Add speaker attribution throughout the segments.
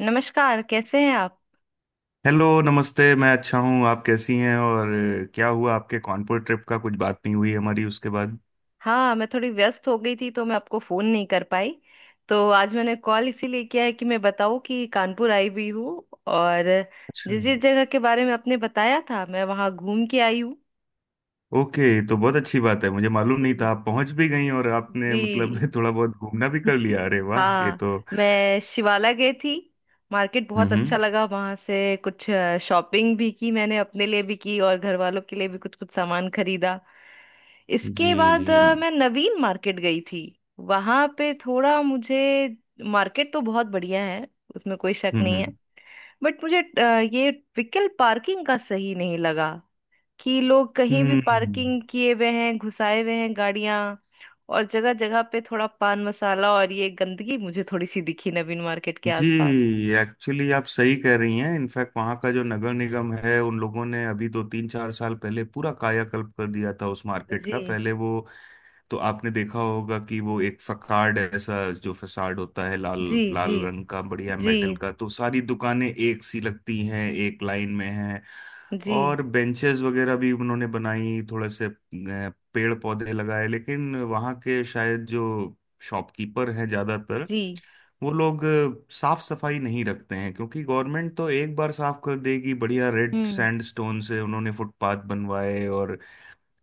Speaker 1: नमस्कार। कैसे हैं आप।
Speaker 2: हेलो, नमस्ते। मैं अच्छा हूँ, आप कैसी हैं? और क्या हुआ आपके कानपुर ट्रिप का? कुछ बात नहीं हुई हमारी उसके बाद।
Speaker 1: हाँ, मैं थोड़ी व्यस्त हो गई थी तो मैं आपको फोन नहीं कर पाई। तो आज मैंने कॉल इसीलिए किया है कि मैं बताऊं कि कानपुर आई हुई हूँ, और
Speaker 2: अच्छा।
Speaker 1: जिस जिस जगह के बारे में आपने बताया था मैं वहाँ घूम के आई हूँ।
Speaker 2: ओके, तो बहुत अच्छी बात है। मुझे मालूम नहीं
Speaker 1: जी।
Speaker 2: था आप पहुंच भी गई और आपने मतलब
Speaker 1: जी।
Speaker 2: थोड़ा बहुत घूमना भी कर लिया। अरे वाह, ये
Speaker 1: हाँ,
Speaker 2: तो
Speaker 1: मैं शिवाला गई थी। मार्केट बहुत अच्छा
Speaker 2: हम्म।
Speaker 1: लगा। वहाँ से कुछ शॉपिंग भी की मैंने, अपने लिए भी की और घर वालों के लिए भी कुछ कुछ सामान खरीदा।
Speaker 2: जी
Speaker 1: इसके बाद
Speaker 2: जी।
Speaker 1: मैं नवीन मार्केट गई थी। वहां पे थोड़ा मुझे, मार्केट तो बहुत बढ़िया है, उसमें कोई शक नहीं है। बट मुझे ये व्हीकल पार्किंग का सही नहीं लगा। कि लोग कहीं भी
Speaker 2: हम्म हम्म,
Speaker 1: पार्किंग किए हुए हैं, घुसाए हुए हैं गाड़ियां। और जगह जगह पे थोड़ा पान मसाला और ये गंदगी मुझे थोड़ी सी दिखी नवीन मार्केट के आसपास।
Speaker 2: जी। एक्चुअली आप सही कह रही हैं। इनफैक्ट वहाँ का जो नगर निगम है उन लोगों ने अभी दो तीन चार साल पहले पूरा कायाकल्प कर दिया था उस मार्केट
Speaker 1: जी।
Speaker 2: का। पहले वो तो आपने देखा होगा कि वो एक फसाड है, ऐसा जो फसाड होता है लाल
Speaker 1: जी। जी।
Speaker 2: लाल रंग का, बढ़िया
Speaker 1: जी।
Speaker 2: मेटल का। तो सारी दुकानें एक सी लगती हैं, एक लाइन में हैं।
Speaker 1: जी।
Speaker 2: और बेंचेस वगैरह भी उन्होंने बनाई, थोड़े से पेड़ पौधे लगाए। लेकिन वहाँ के शायद जो शॉपकीपर हैं ज़्यादातर
Speaker 1: जी।
Speaker 2: वो लोग साफ सफाई नहीं रखते हैं, क्योंकि गवर्नमेंट तो एक बार साफ कर देगी। बढ़िया रेड
Speaker 1: हम्म।
Speaker 2: सैंडस्टोन से उन्होंने फुटपाथ बनवाए और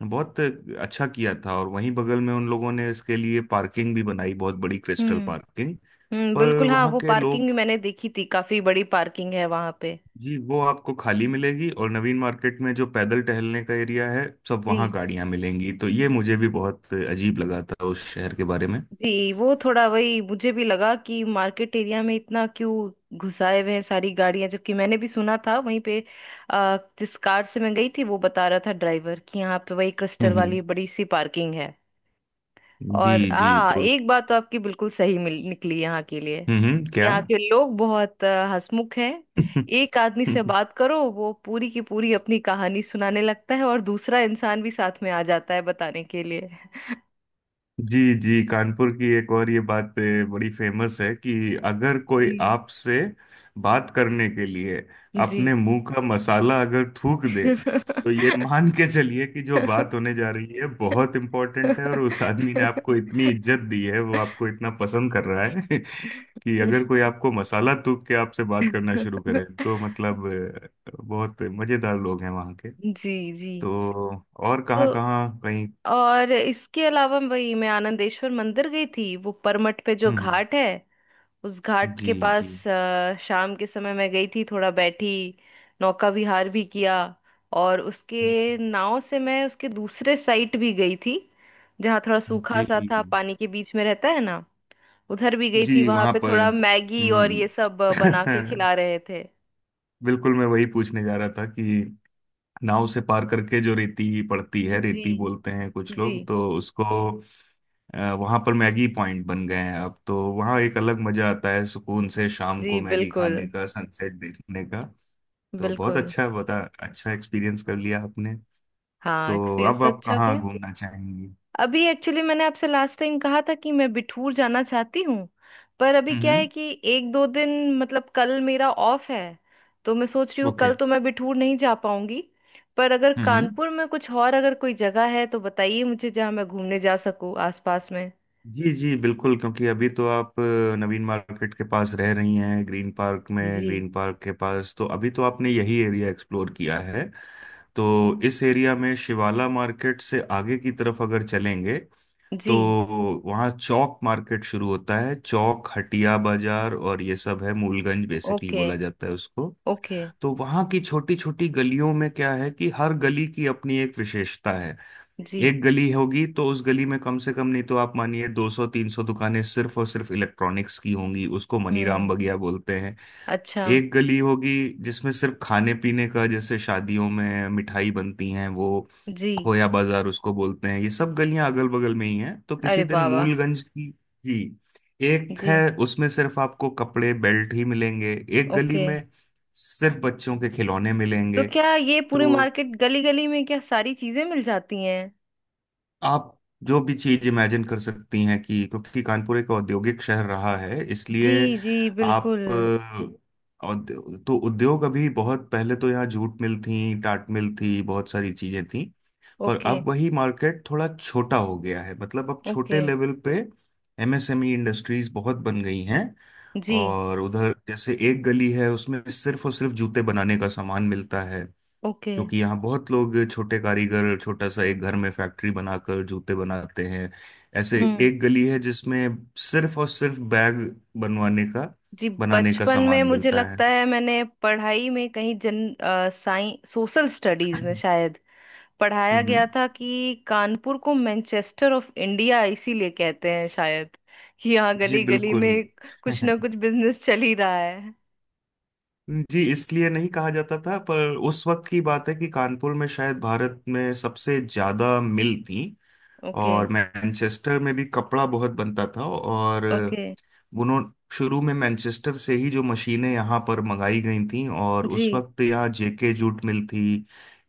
Speaker 2: बहुत अच्छा किया था। और वहीं बगल में उन लोगों ने इसके लिए पार्किंग भी बनाई, बहुत बड़ी क्रिस्टल
Speaker 1: हम्म।
Speaker 2: पार्किंग।
Speaker 1: हम्म,
Speaker 2: पर
Speaker 1: बिल्कुल। हाँ,
Speaker 2: वहाँ
Speaker 1: वो
Speaker 2: के
Speaker 1: पार्किंग भी
Speaker 2: लोग,
Speaker 1: मैंने देखी थी, काफी बड़ी पार्किंग है वहां पे।
Speaker 2: जी वो आपको खाली मिलेगी। और नवीन मार्केट में जो पैदल टहलने का एरिया है सब, वहाँ
Speaker 1: जी।
Speaker 2: गाड़ियाँ मिलेंगी। तो ये मुझे भी बहुत अजीब लगा था उस शहर के बारे में।
Speaker 1: जी। वो थोड़ा वही मुझे भी लगा कि मार्केट एरिया में इतना क्यों घुसाए हुए हैं सारी गाड़ियां। जबकि मैंने भी सुना था वहीं पे। जिस कार से मैं गई थी वो बता रहा था ड्राइवर कि यहाँ पे वही क्रिस्टल
Speaker 2: हम्म।
Speaker 1: वाली बड़ी सी पार्किंग है।
Speaker 2: जी
Speaker 1: और
Speaker 2: जी।
Speaker 1: आ
Speaker 2: तो
Speaker 1: एक बात तो आपकी बिल्कुल सही मिल निकली यहाँ के लिए।
Speaker 2: क्या?
Speaker 1: यहाँ के लोग बहुत हंसमुख हैं। एक आदमी से बात करो वो पूरी की पूरी अपनी कहानी सुनाने लगता है, और दूसरा इंसान भी साथ में आ जाता है बताने के लिए।
Speaker 2: जी जी। कानपुर की एक और ये बात बड़ी फेमस है कि अगर कोई
Speaker 1: जी।
Speaker 2: आपसे बात करने के लिए
Speaker 1: जी।
Speaker 2: अपने मुंह का मसाला अगर थूक दे, तो ये मान के चलिए कि जो बात होने जा रही है बहुत इंपॉर्टेंट है और उस आदमी ने आपको इतनी इज्जत दी है, वो आपको इतना पसंद कर रहा है कि अगर कोई आपको मसाला थूक के आपसे बात करना शुरू करे, तो मतलब बहुत मजेदार लोग हैं वहाँ के।
Speaker 1: जी। जी।
Speaker 2: तो और कहाँ
Speaker 1: तो।
Speaker 2: कहाँ कहीं,
Speaker 1: और इसके अलावा वही मैं आनंदेश्वर मंदिर गई थी, वो परमट पे जो
Speaker 2: हम्म हम्म,
Speaker 1: घाट है। उस घाट
Speaker 2: जी
Speaker 1: के पास
Speaker 2: जी
Speaker 1: शाम के समय मैं गई थी, थोड़ा बैठी। नौका विहार भी किया। और उसके नाव से मैं उसके दूसरे साइड भी गई थी। जहाँ थोड़ा सूखा सा था,
Speaker 2: जी
Speaker 1: पानी के बीच में रहता है ना। उधर भी गई थी,
Speaker 2: जी
Speaker 1: वहां
Speaker 2: वहां
Speaker 1: पे
Speaker 2: पर
Speaker 1: थोड़ा मैगी और
Speaker 2: हम्म।
Speaker 1: ये सब बना के खिला रहे थे।
Speaker 2: बिल्कुल, मैं वही पूछने जा रहा था कि नाव से पार करके जो रेती पड़ती है, रेती
Speaker 1: जी।
Speaker 2: बोलते हैं कुछ
Speaker 1: जी।
Speaker 2: लोग तो उसको, वहां पर मैगी पॉइंट बन गए हैं अब। तो वहां एक अलग मजा आता है, सुकून से शाम
Speaker 1: जी,
Speaker 2: को मैगी
Speaker 1: बिल्कुल।
Speaker 2: खाने का, सनसेट देखने का। तो बहुत
Speaker 1: बिल्कुल।
Speaker 2: अच्छा बता अच्छा एक्सपीरियंस कर लिया आपने।
Speaker 1: हाँ,
Speaker 2: तो
Speaker 1: एक्सपीरियंस
Speaker 2: अब
Speaker 1: तो
Speaker 2: आप
Speaker 1: अच्छा
Speaker 2: कहाँ
Speaker 1: गया।
Speaker 2: घूमना चाहेंगी?
Speaker 1: अभी एक्चुअली मैंने आपसे लास्ट टाइम कहा था कि मैं बिठूर जाना चाहती हूँ। पर अभी क्या
Speaker 2: हम्म
Speaker 1: है कि एक दो दिन, मतलब कल मेरा ऑफ है। तो मैं सोच रही हूँ
Speaker 2: ओके।
Speaker 1: कल तो मैं बिठूर नहीं जा पाऊंगी। पर अगर
Speaker 2: हम्म, okay, हम्म।
Speaker 1: कानपुर में कुछ और अगर कोई जगह है तो बताइए मुझे, जहाँ मैं घूमने जा सकूँ आसपास में।
Speaker 2: जी जी बिल्कुल। क्योंकि अभी तो आप नवीन मार्केट के पास रह रही हैं, ग्रीन पार्क में,
Speaker 1: जी।
Speaker 2: ग्रीन पार्क के पास। तो अभी तो आपने यही एरिया एक्सप्लोर किया है। तो इस एरिया में शिवाला मार्केट से आगे की तरफ अगर चलेंगे,
Speaker 1: जी।
Speaker 2: तो वहाँ चौक मार्केट शुरू होता है, चौक हटिया बाजार और ये सब है, मूलगंज बेसिकली
Speaker 1: ओके।
Speaker 2: बोला जाता है उसको।
Speaker 1: ओके।
Speaker 2: तो वहाँ की छोटी छोटी गलियों में क्या है कि हर गली की अपनी एक विशेषता है।
Speaker 1: जी।
Speaker 2: एक गली होगी, तो उस गली में कम से कम, नहीं तो आप मानिए 200 300 दुकानें सिर्फ और सिर्फ इलेक्ट्रॉनिक्स की होंगी। उसको मनीराम
Speaker 1: हम्म।
Speaker 2: बगिया बोलते हैं।
Speaker 1: अच्छा।
Speaker 2: एक गली होगी जिसमें सिर्फ खाने पीने का, जैसे शादियों में मिठाई बनती हैं वो,
Speaker 1: जी।
Speaker 2: खोया बाजार उसको बोलते हैं। ये सब गलियां अगल बगल में ही हैं। तो किसी
Speaker 1: अरे
Speaker 2: दिन
Speaker 1: बाबा।
Speaker 2: मूलगंज की ही एक
Speaker 1: जी।
Speaker 2: है, उसमें सिर्फ आपको कपड़े बेल्ट ही मिलेंगे। एक गली
Speaker 1: ओके।
Speaker 2: में सिर्फ बच्चों के खिलौने
Speaker 1: तो
Speaker 2: मिलेंगे।
Speaker 1: क्या ये पूरी
Speaker 2: तो
Speaker 1: मार्केट, गली गली में क्या सारी चीजें मिल जाती हैं।
Speaker 2: आप जो भी चीज इमेजिन कर सकती हैं, कि क्योंकि कानपुर एक औद्योगिक शहर रहा है,
Speaker 1: जी,
Speaker 2: इसलिए
Speaker 1: जी,
Speaker 2: आप
Speaker 1: बिल्कुल।
Speaker 2: तो उद्योग, अभी बहुत पहले तो यहाँ जूट मिल थी, टाट मिल थी, बहुत सारी चीजें थी। पर
Speaker 1: ओके।
Speaker 2: अब वही मार्केट थोड़ा छोटा हो गया है, मतलब अब छोटे
Speaker 1: ओके।
Speaker 2: लेवल पे एमएसएमई इंडस्ट्रीज बहुत बन गई हैं।
Speaker 1: जी।
Speaker 2: और उधर जैसे एक गली है, उसमें सिर्फ और सिर्फ जूते बनाने का सामान मिलता है,
Speaker 1: ओके।
Speaker 2: क्योंकि यहाँ बहुत लोग छोटे कारीगर, छोटा सा एक घर में फैक्ट्री बनाकर जूते बनाते हैं। ऐसे
Speaker 1: हम्म।
Speaker 2: एक गली है जिसमें सिर्फ और सिर्फ बैग बनवाने का,
Speaker 1: जी,
Speaker 2: बनाने का
Speaker 1: बचपन में
Speaker 2: सामान
Speaker 1: मुझे
Speaker 2: मिलता है।
Speaker 1: लगता है मैंने पढ़ाई में कहीं जन साइंस सोशल स्टडीज में शायद पढ़ाया गया
Speaker 2: हम्म।
Speaker 1: था कि कानपुर को मैनचेस्टर ऑफ इंडिया इसीलिए कहते हैं, शायद कि यहाँ
Speaker 2: जी
Speaker 1: गली गली
Speaker 2: बिल्कुल।
Speaker 1: में कुछ ना कुछ बिजनेस चल ही रहा है।
Speaker 2: जी इसलिए नहीं कहा जाता था, पर उस वक्त की बात है कि कानपुर में शायद भारत में सबसे ज्यादा मिल थी।
Speaker 1: ओके।
Speaker 2: और मैनचेस्टर में भी कपड़ा बहुत बनता था, और
Speaker 1: ओके।
Speaker 2: उन्होंने शुरू में मैनचेस्टर से ही जो मशीनें यहाँ पर मंगाई गई थीं, और उस
Speaker 1: जी।
Speaker 2: वक्त यहाँ जेके जूट मिल थी,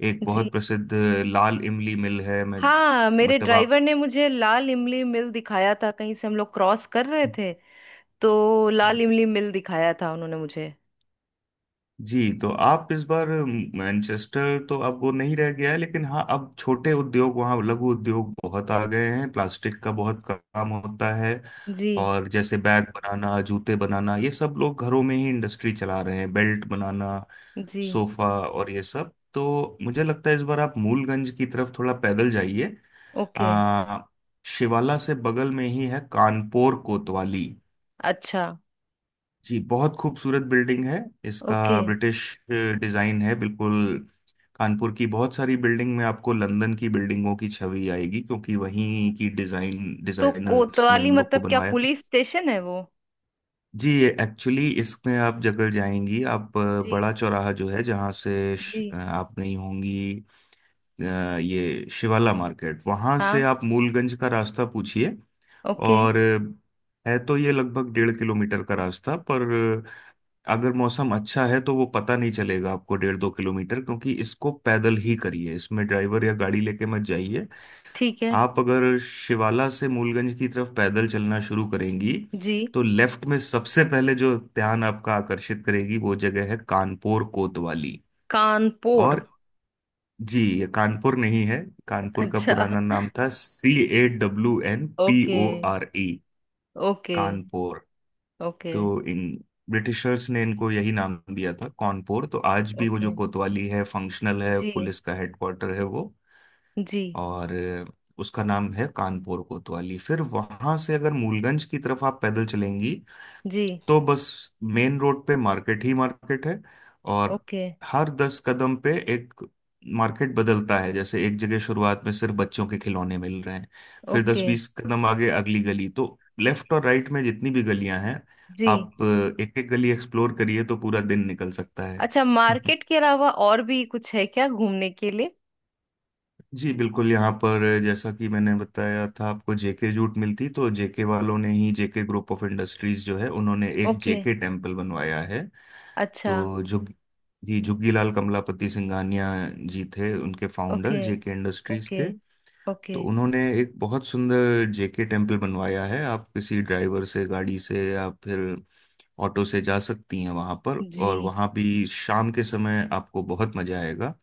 Speaker 2: एक
Speaker 1: जी।
Speaker 2: बहुत प्रसिद्ध लाल इमली मिल है। मैं
Speaker 1: हाँ, मेरे
Speaker 2: मतलब
Speaker 1: ड्राइवर ने मुझे लाल इमली मिल दिखाया था, कहीं से हम लोग क्रॉस कर रहे
Speaker 2: आप,
Speaker 1: थे। तो लाल इमली मिल दिखाया था उन्होंने मुझे।
Speaker 2: जी तो आप इस बार, मैनचेस्टर तो अब वो नहीं रह गया है, लेकिन हाँ अब छोटे उद्योग वहाँ, लघु उद्योग बहुत आ गए हैं। प्लास्टिक का बहुत काम होता है,
Speaker 1: जी।
Speaker 2: और जैसे बैग बनाना, जूते बनाना, ये सब लोग घरों में ही इंडस्ट्री चला रहे हैं, बेल्ट बनाना,
Speaker 1: जी।
Speaker 2: सोफा और ये सब। तो मुझे लगता है इस बार आप मूलगंज की तरफ थोड़ा पैदल जाइए।
Speaker 1: ओके।
Speaker 2: आ, शिवाला से बगल में ही है कानपुर कोतवाली।
Speaker 1: अच्छा।
Speaker 2: जी बहुत खूबसूरत बिल्डिंग है इसका।
Speaker 1: ओके।
Speaker 2: ब्रिटिश डिजाइन है बिल्कुल। कानपुर की बहुत सारी बिल्डिंग में आपको लंदन की बिल्डिंगों की छवि आएगी, क्योंकि वहीं की डिजाइन
Speaker 1: तो
Speaker 2: डिजाइनर्स ने
Speaker 1: कोतवाली
Speaker 2: इन लोग को
Speaker 1: मतलब क्या,
Speaker 2: बनवाया था।
Speaker 1: पुलिस स्टेशन है वो।
Speaker 2: जी एक्चुअली इसमें आप जगह जाएंगी, आप
Speaker 1: जी।
Speaker 2: बड़ा चौराहा जो है, जहाँ से
Speaker 1: जी।
Speaker 2: आप गई होंगी। अ, ये शिवाला मार्केट, वहाँ से
Speaker 1: हाँ।
Speaker 2: आप मूलगंज का रास्ता पूछिए।
Speaker 1: ओके।
Speaker 2: और है तो ये लगभग डेढ़ किलोमीटर का रास्ता, पर अगर मौसम अच्छा है तो वो पता नहीं चलेगा आपको, डेढ़ दो किलोमीटर। क्योंकि इसको पैदल ही करिए, इसमें ड्राइवर या गाड़ी लेके मत जाइए।
Speaker 1: ठीक है।
Speaker 2: आप अगर शिवाला से मूलगंज की तरफ पैदल चलना शुरू करेंगी,
Speaker 1: जी।
Speaker 2: तो लेफ्ट में सबसे पहले जो ध्यान आपका आकर्षित करेगी वो जगह है कानपुर कोतवाली।
Speaker 1: कानपुर।
Speaker 2: और जी, ये कानपुर नहीं है। कानपुर का
Speaker 1: अच्छा।
Speaker 2: पुराना नाम था C A W N P
Speaker 1: okay.
Speaker 2: O R E,
Speaker 1: okay.
Speaker 2: Kanpur.
Speaker 1: Okay.
Speaker 2: तो इन ब्रिटिशर्स ने इनको यही नाम दिया था, कानपुर। तो आज भी वो जो
Speaker 1: ओके।
Speaker 2: कोतवाली है फंक्शनल है,
Speaker 1: जी।
Speaker 2: पुलिस का हेडक्वार्टर है वो।
Speaker 1: जी।
Speaker 2: और उसका नाम है कानपुर कोतवाली। फिर वहां से अगर मूलगंज की तरफ आप पैदल चलेंगी,
Speaker 1: जी।
Speaker 2: तो बस, मेन रोड पे मार्केट ही मार्केट है। और
Speaker 1: ओके।
Speaker 2: हर दस कदम पे एक मार्केट बदलता है। जैसे एक जगह शुरुआत में सिर्फ बच्चों के खिलौने मिल रहे हैं, फिर दस
Speaker 1: ओके।
Speaker 2: बीस कदम आगे अगली गली। तो लेफ्ट और राइट में जितनी भी गलियां हैं,
Speaker 1: जी।
Speaker 2: आप एक एक गली एक्सप्लोर करिए तो पूरा दिन निकल सकता है।
Speaker 1: अच्छा, मार्केट के अलावा और भी कुछ है क्या घूमने के लिए।
Speaker 2: जी बिल्कुल। यहाँ पर जैसा कि मैंने बताया था आपको, जेके जूट मिलती, तो जेके वालों ने ही, जेके ग्रुप ऑफ इंडस्ट्रीज जो है, उन्होंने एक
Speaker 1: ओके।
Speaker 2: जेके टेम्पल बनवाया है।
Speaker 1: अच्छा।
Speaker 2: तो जो जी जुग्गीलाल कमलापति सिंघानिया जी थे, उनके founder
Speaker 1: okay.
Speaker 2: JK industries
Speaker 1: okay.
Speaker 2: के।
Speaker 1: ओके।
Speaker 2: तो उन्होंने एक बहुत सुंदर जेके टेम्पल बनवाया है। आप किसी ड्राइवर से, गाड़ी से या फिर ऑटो से जा सकती हैं वहाँ पर। और
Speaker 1: जी।
Speaker 2: वहाँ भी शाम के समय आपको बहुत मजा आएगा,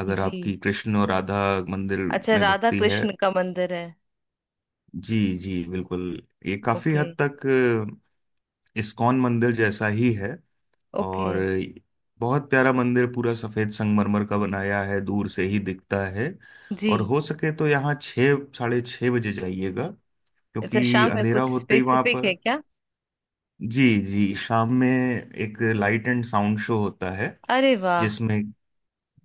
Speaker 2: अगर
Speaker 1: जी।
Speaker 2: आपकी कृष्ण और राधा मंदिर
Speaker 1: अच्छा,
Speaker 2: में
Speaker 1: राधा
Speaker 2: भक्ति है।
Speaker 1: कृष्ण का मंदिर है।
Speaker 2: जी जी बिल्कुल। ये काफी
Speaker 1: ओके।
Speaker 2: हद तक इस्कॉन मंदिर जैसा ही है।
Speaker 1: ओके।
Speaker 2: और बहुत प्यारा मंदिर, पूरा सफेद संगमरमर का बनाया है, दूर से ही दिखता है।
Speaker 1: जी।
Speaker 2: और हो सके तो यहाँ छः साढ़े छः बजे जाइएगा,
Speaker 1: अच्छा,
Speaker 2: क्योंकि
Speaker 1: शाम में
Speaker 2: अंधेरा
Speaker 1: कुछ
Speaker 2: होते ही वहां
Speaker 1: स्पेसिफिक
Speaker 2: पर,
Speaker 1: है क्या।
Speaker 2: जी जी शाम में एक लाइट एंड साउंड शो होता है
Speaker 1: अरे वाह।
Speaker 2: जिसमें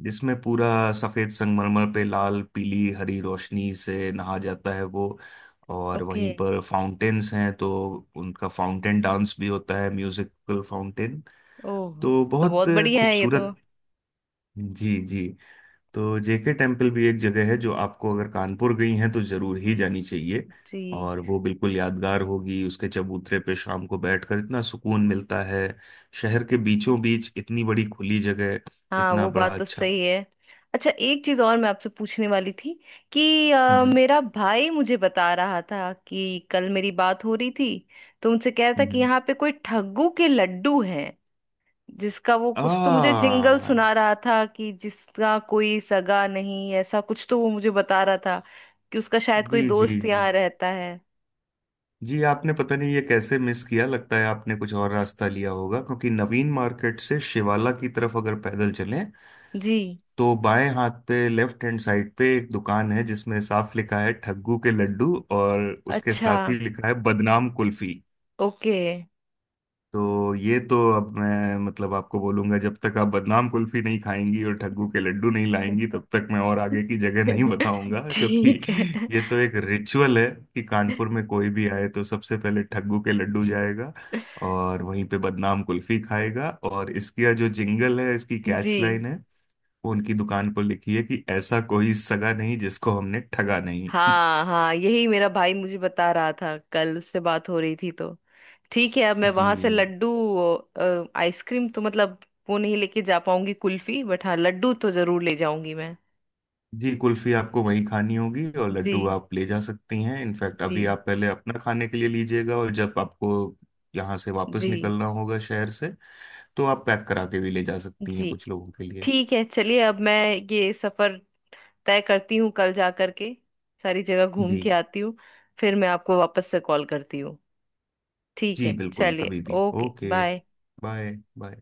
Speaker 2: जिसमें पूरा सफेद संगमरमर पे लाल पीली हरी रोशनी से नहा जाता है वो। और
Speaker 1: ओके।
Speaker 2: वहीं पर फाउंटेन्स हैं, तो उनका फाउंटेन डांस भी होता है, म्यूजिकल फाउंटेन।
Speaker 1: ओह,
Speaker 2: तो
Speaker 1: तो
Speaker 2: बहुत
Speaker 1: बहुत बढ़िया है ये तो।
Speaker 2: खूबसूरत। जी जी। तो जेके टेम्पल भी एक जगह है जो आपको, अगर कानपुर गई हैं तो जरूर ही जानी चाहिए।
Speaker 1: जी।
Speaker 2: और वो बिल्कुल यादगार होगी। उसके चबूतरे पे शाम को बैठकर इतना सुकून मिलता है, शहर के बीचों बीच इतनी बड़ी खुली जगह,
Speaker 1: हाँ,
Speaker 2: इतना
Speaker 1: वो
Speaker 2: बड़ा,
Speaker 1: बात तो
Speaker 2: अच्छा।
Speaker 1: सही है। अच्छा, एक चीज और मैं आपसे पूछने वाली थी कि
Speaker 2: हम्म
Speaker 1: मेरा भाई मुझे बता रहा था, कि कल मेरी बात हो रही थी। तो उनसे कह रहा था
Speaker 2: हम्म
Speaker 1: कि
Speaker 2: हम्म,
Speaker 1: यहाँ पे कोई ठग्गू के लड्डू हैं। जिसका वो
Speaker 2: आ
Speaker 1: कुछ तो मुझे जिंगल सुना रहा था कि जिसका कोई सगा नहीं, ऐसा कुछ तो वो मुझे बता रहा था। कि उसका शायद
Speaker 2: जी
Speaker 1: कोई
Speaker 2: जी
Speaker 1: दोस्त
Speaker 2: जी
Speaker 1: यहाँ रहता है।
Speaker 2: जी, आपने पता नहीं ये कैसे मिस किया। लगता है आपने कुछ और रास्ता लिया होगा, क्योंकि नवीन मार्केट से शिवाला की तरफ अगर पैदल चलें,
Speaker 1: जी।
Speaker 2: तो बाएं हाथ पे, लेफ्ट हैंड साइड पे एक दुकान है जिसमें साफ लिखा है ठग्गू के लड्डू, और उसके
Speaker 1: अच्छा।
Speaker 2: साथ ही लिखा है बदनाम कुल्फी।
Speaker 1: ओके।
Speaker 2: तो ये तो अब मैं मतलब आपको बोलूंगा, जब तक आप बदनाम कुल्फी नहीं खाएंगी और ठग्गू के लड्डू नहीं लाएंगी, तब तक मैं और आगे की जगह नहीं बताऊंगा। क्योंकि
Speaker 1: ठीक है।
Speaker 2: ये तो एक रिचुअल है कि कानपुर में कोई भी आए तो सबसे पहले ठग्गू के लड्डू जाएगा, और वहीं पे बदनाम कुल्फी खाएगा। और इसका जो जिंगल है, इसकी कैच
Speaker 1: जी।
Speaker 2: लाइन है, वो उनकी दुकान पर लिखी है कि ऐसा कोई सगा नहीं जिसको हमने ठगा नहीं।
Speaker 1: हाँ हाँ, यही मेरा भाई मुझे बता रहा था, कल उससे बात हो रही थी तो। ठीक है, अब मैं वहां से
Speaker 2: जी
Speaker 1: लड्डू, आइसक्रीम तो, मतलब वो नहीं लेके जा पाऊंगी कुल्फी, बट हाँ, लड्डू तो जरूर ले जाऊंगी मैं।
Speaker 2: जी। कुल्फी आपको वहीं खानी होगी और लड्डू
Speaker 1: जी।
Speaker 2: आप ले जा सकती हैं। इनफैक्ट अभी
Speaker 1: जी।
Speaker 2: आप पहले अपना खाने के लिए लीजिएगा, और जब आपको यहाँ से वापस
Speaker 1: जी।
Speaker 2: निकलना होगा शहर से, तो आप पैक करा के भी ले जा सकती हैं
Speaker 1: जी।
Speaker 2: कुछ लोगों के लिए।
Speaker 1: ठीक है, चलिए। अब मैं ये सफर तय करती हूँ, कल जा करके सारी जगह घूम
Speaker 2: जी
Speaker 1: के आती हूँ। फिर मैं आपको वापस से कॉल करती हूँ। ठीक
Speaker 2: जी
Speaker 1: है।
Speaker 2: बिल्कुल,
Speaker 1: चलिए।
Speaker 2: कभी भी।
Speaker 1: Okay,
Speaker 2: okay
Speaker 1: bye.
Speaker 2: Bye. Bye.